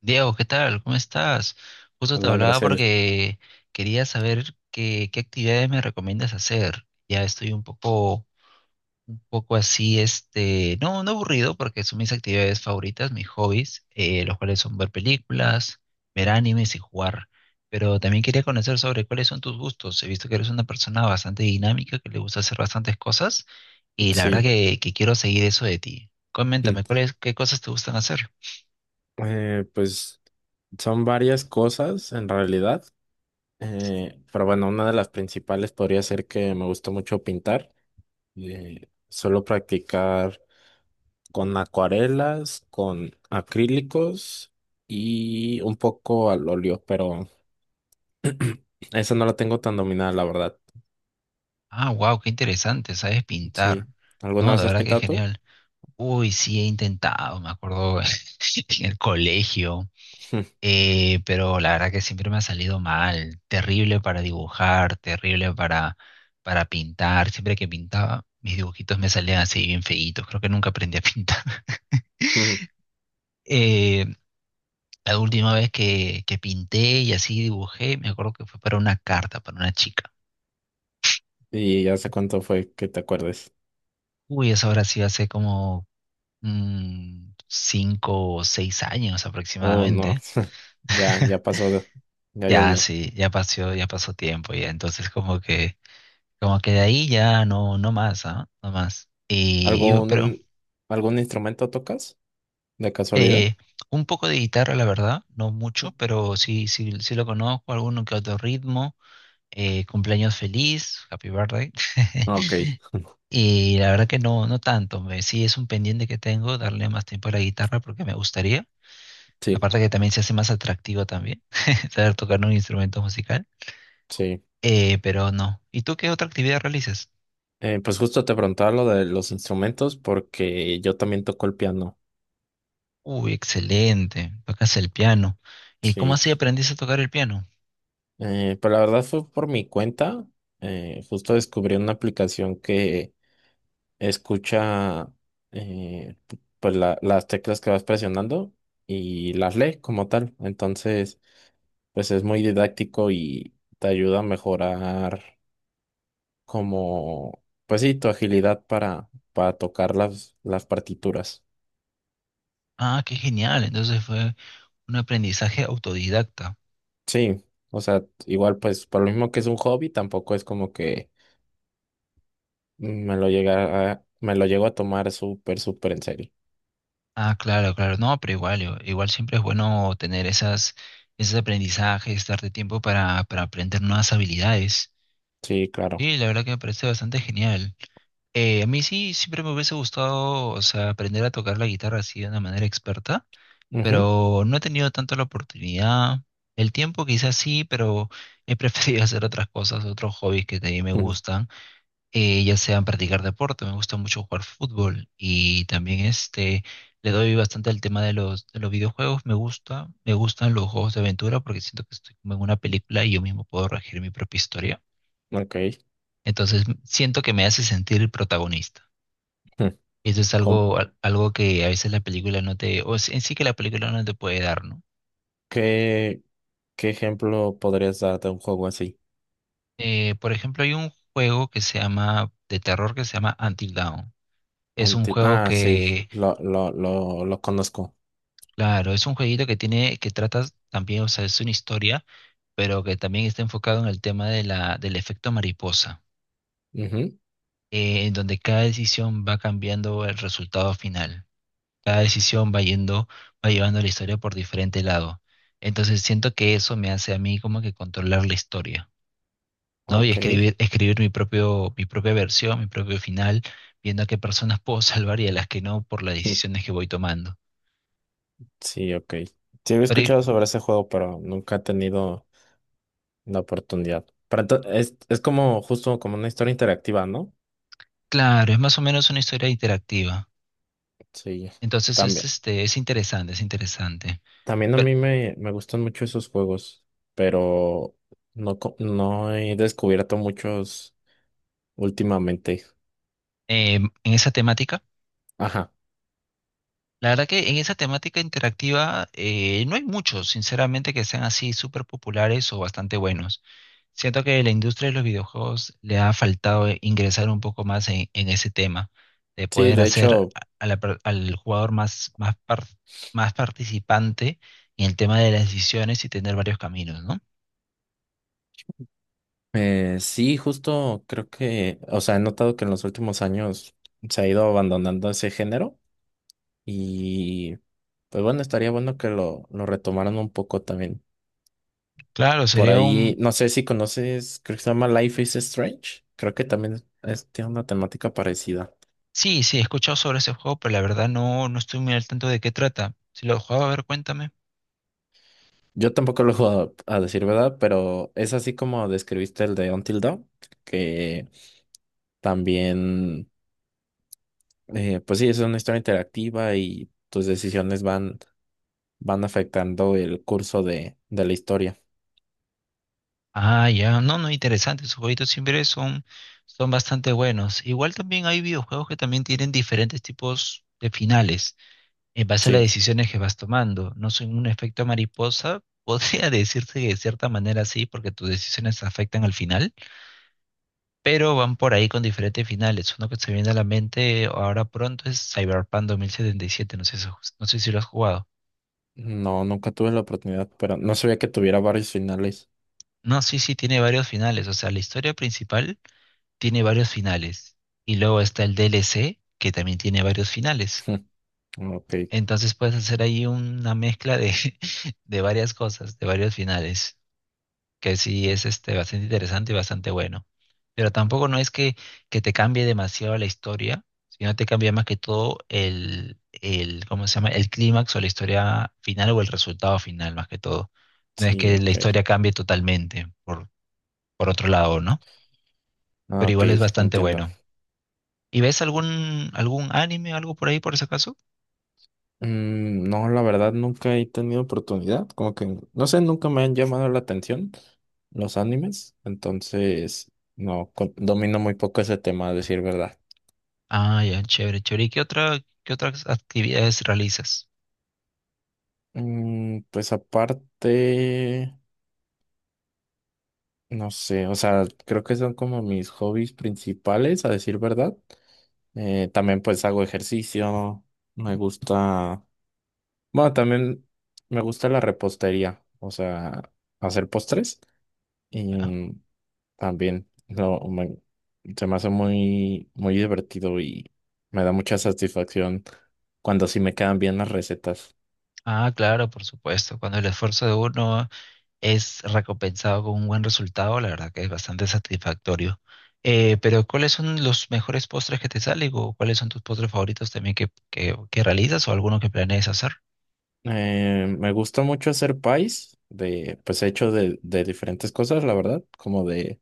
Diego, ¿qué tal? ¿Cómo estás? Justo te Hola, hablaba Graciel. porque quería saber qué actividades me recomiendas hacer. Ya estoy un poco así, no, no aburrido porque son mis actividades favoritas, mis hobbies, los cuales son ver películas, ver animes y jugar. Pero también quería conocer sobre cuáles son tus gustos. He visto que eres una persona bastante dinámica, que le gusta hacer bastantes cosas y la verdad Sí. que quiero seguir eso de ti. Mm. Coméntame, ¿cuáles, qué cosas te gustan hacer? Pues son varias cosas en realidad, pero bueno, una de las principales podría ser que me gusta mucho pintar. Suelo practicar con acuarelas, con acrílicos y un poco al óleo, pero esa no la tengo tan dominada, la verdad. Ah, wow, qué interesante, sabes pintar. Sí. ¿Alguna No, de vez has verdad que pintado tú? genial. Uy, sí, he intentado, me acuerdo en el colegio, pero la verdad que siempre me ha salido mal. Terrible para dibujar, para pintar. Siempre que pintaba, mis dibujitos me salían así bien feitos. Creo que nunca aprendí a pintar. Eh, la última vez que pinté y así dibujé, me acuerdo que fue para una carta, para una chica. ¿Y hace cuánto fue que te acuerdes? Uy, eso ahora sí hace como cinco o seis años. Sí, Oh, no. aproximadamente. Ya, ya pasó, ya Ya llovió. sí, ya pasó tiempo ya. Entonces como que de ahí ya no, no más, ¿ah? No más. Pero ¿Algún, algún instrumento tocas de casualidad? eh, un poco de guitarra, la verdad, no mucho, pero sí lo conozco, alguno que otro ritmo, cumpleaños feliz, happy birthday. Ok, Y la verdad que no, no tanto. Me, sí es un pendiente que tengo, darle más tiempo a la guitarra porque me gustaría. sí, Aparte que también se hace más atractivo también saber tocar un instrumento musical. sí. Pero no. ¿Y tú qué otra actividad realizas? Pues justo te preguntaba lo de los instrumentos porque yo también toco el piano, Uy, excelente. Tocas el piano. ¿Y cómo sí. así aprendiste a tocar el piano? Pero la verdad fue por mi cuenta. Justo descubrí una aplicación que escucha, eh, pues las teclas que vas presionando y las lee como tal. Entonces pues es muy didáctico y te ayuda a mejorar como, pues sí, tu agilidad para tocar las partituras. Ah, qué genial. Entonces fue un aprendizaje autodidacta. Sí, o sea, igual pues por lo mismo que es un hobby, tampoco es como que me lo llego a tomar súper, súper en serio. Ah, claro, claro. No, pero igual, igual siempre es bueno tener esas, esos aprendizajes, darte tiempo para aprender nuevas habilidades. Sí, claro. Y la verdad que me parece bastante genial. A mí sí, siempre me hubiese gustado, o sea, aprender a tocar la guitarra así de una manera experta, Ujú, pero no he tenido tanto la oportunidad. El tiempo quizás sí, pero he preferido hacer otras cosas, otros hobbies que también me ujú. gustan, ya sean practicar deporte, me gusta mucho jugar fútbol y también le doy bastante al tema de de los videojuegos, me gustan los juegos de aventura porque siento que estoy como en una película y yo mismo puedo regir mi propia historia, Ok. entonces siento que me hace sentir el protagonista. Ujú. Eso es ¿Cómo- algo que a veces la película no te, en sí que la película no te puede dar, ¿no? qué, qué ejemplo podrías dar de un juego así? Por ejemplo, hay un juego que se llama, de terror que se llama Until Dawn. Es un juego Ah, sí, que, lo conozco. claro, es un jueguito que tiene, que trata también, o sea, es una historia, pero que también está enfocado en el tema de la, del efecto mariposa, Ujú, en donde cada decisión va cambiando el resultado final. Cada decisión va yendo, va llevando la historia por diferente lado. Entonces siento que eso me hace a mí como que controlar la historia. ¿No? Y ok. escribir, escribir mi propia versión, mi propio final, viendo a qué personas puedo salvar y a las que no por las decisiones que voy tomando. Sí, ok. Sí, había Pero y- escuchado sobre ese juego, pero nunca he tenido la oportunidad. Pero es como justo como una historia interactiva, ¿no? claro, es más o menos una historia interactiva. Sí, Entonces es, también. este, es interesante, es interesante. También a Pero, mí me gustan mucho esos juegos, pero no, no he descubierto muchos últimamente. En esa temática. Ajá. La verdad que en esa temática interactiva no hay muchos, sinceramente, que sean así súper populares o bastante buenos. Siento que la industria de los videojuegos le ha faltado ingresar un poco más en ese tema, de Sí, poder de hacer hecho, a la al jugador más, más participante en el tema de las decisiones y tener varios caminos, ¿no? Sí, justo creo que, o sea, he notado que en los últimos años se ha ido abandonando ese género. Y pues bueno, estaría bueno que lo retomaran un poco también. Claro, Por sería ahí, un... no sé si conoces, creo que se llama Life is Strange. Creo que también tiene una temática parecida. Sí, sí, he escuchado sobre ese juego, pero la verdad no, no estoy muy al tanto de qué trata. Si lo he jugado, a ver, cuéntame. Yo tampoco lo he jugado, a decir verdad, pero es así como describiste el de Until Dawn, que también, pues sí, es una historia interactiva y tus decisiones van, van afectando el curso de la historia. Ah, ya, no, no, interesante, sus jueguitos siempre son, son bastante buenos. Igual también hay videojuegos que también tienen diferentes tipos de finales en base a las Sí, decisiones que vas tomando. No son un efecto mariposa, podría decirse que de cierta manera sí, porque tus decisiones afectan al final, pero van por ahí con diferentes finales. Uno que se viene a la mente ahora pronto es Cyberpunk 2077, no sé si lo has jugado. no, nunca tuve la oportunidad, pero no sabía que tuviera varios finales. No, sí, sí, tiene varios finales, o sea, la historia principal tiene varios finales. Y luego está el DLC, que también tiene varios finales. Ok, Entonces puedes hacer ahí una mezcla de, de varias cosas, de varios finales, que sí es este, bastante interesante y bastante bueno. Pero tampoco no es que te cambie demasiado la historia, sino te cambia más que todo ¿cómo se llama? El clímax o la historia final o el resultado final, más que todo. No es sí, que la ok. historia cambie totalmente, por otro lado, ¿no? Ah, Pero ok, igual es bastante entiendo. bueno. ¿Y ves algún anime, algo por ahí, por ese caso? Mm, no, la verdad nunca he tenido oportunidad, como que, no sé, nunca me han llamado la atención los animes, entonces, no, domino muy poco ese tema, a decir verdad. Ah, ya, chévere, chévere. ¿Y qué otras actividades realizas? Mm, pues aparte, no sé, o sea, creo que son como mis hobbies principales, a decir verdad. También pues hago ejercicio, me gusta. Bueno, también me gusta la repostería, o sea, hacer postres ¿Ya? y también lo me- se me hace muy, muy divertido y me da mucha satisfacción cuando sí me quedan bien las recetas. Ah, claro, por supuesto. Cuando el esfuerzo de uno es recompensado con un buen resultado, la verdad que es bastante satisfactorio. Pero ¿cuáles son los mejores postres que te salen o cuáles son tus postres favoritos también que realizas o alguno que planees hacer? Me gusta mucho hacer pies de, pues hecho de diferentes cosas, la verdad, como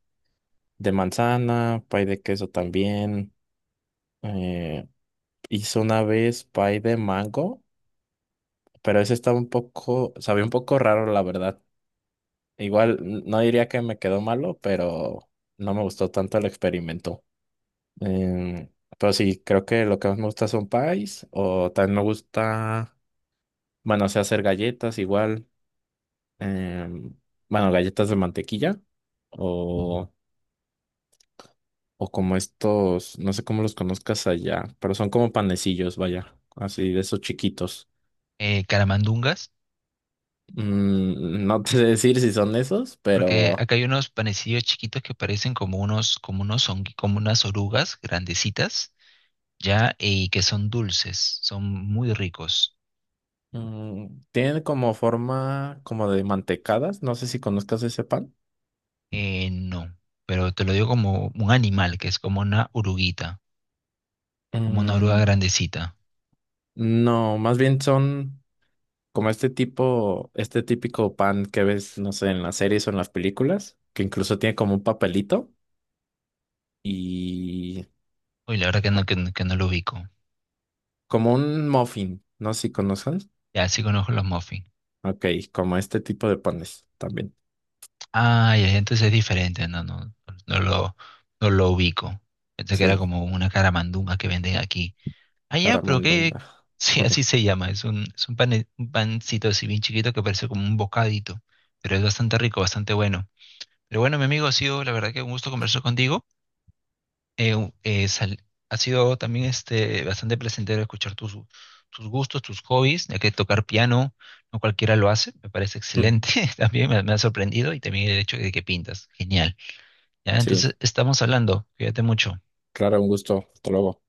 de manzana, pie de queso también. Eh, Hice una vez pie de mango, pero ese estaba un poco, sabía un poco raro, la verdad. Igual no diría que me quedó malo, pero no me gustó tanto el experimento. Em, pero sí, creo que lo que más me gusta son pies, o también me gusta, bueno, sé hacer galletas igual, em, bueno, galletas de mantequilla, o, o como estos, no sé cómo los conozcas allá, pero son como panecillos, vaya, así de esos chiquitos. Caramandungas, Mm, no te sé decir si son esos, porque pero… acá hay unos panecillos chiquitos que parecen como unos, como unas orugas grandecitas, ¿ya? Y que son dulces, son muy ricos. Mm, tiene como forma como de mantecadas, no sé si conozcas ese pan. No, pero te lo digo como un animal, que es como una oruguita, como una oruga Mm, grandecita. no, más bien son como este tipo, este típico pan que ves, no sé, en las series o en las películas, que incluso tiene como un papelito y Uy, la verdad que no, no que no lo ubico. como un muffin, no sé si conozcas. Ya, sí conozco los muffins. Ok, como este tipo de panes también. Ah, ya, entonces es diferente, no, no, no lo, no lo ubico. Pensé que era Sí, como una caramandunga que venden aquí. Ah, ya, pero caramandonga. qué, sí, así se llama, es un un pancito así bien chiquito que parece como un bocadito, pero es bastante rico, bastante bueno. Pero bueno, mi amigo, ha sido la verdad que un gusto conversar contigo. Eh, un- eh, sal- Ha sido también bastante placentero escuchar tus, tus gustos, tus hobbies, ya que tocar piano no cualquiera lo hace, me parece excelente. También me ha sorprendido y también el hecho de que pintas. Genial. Ya, Sí, entonces estamos hablando. Cuídate mucho. claro, un gusto. Hasta luego.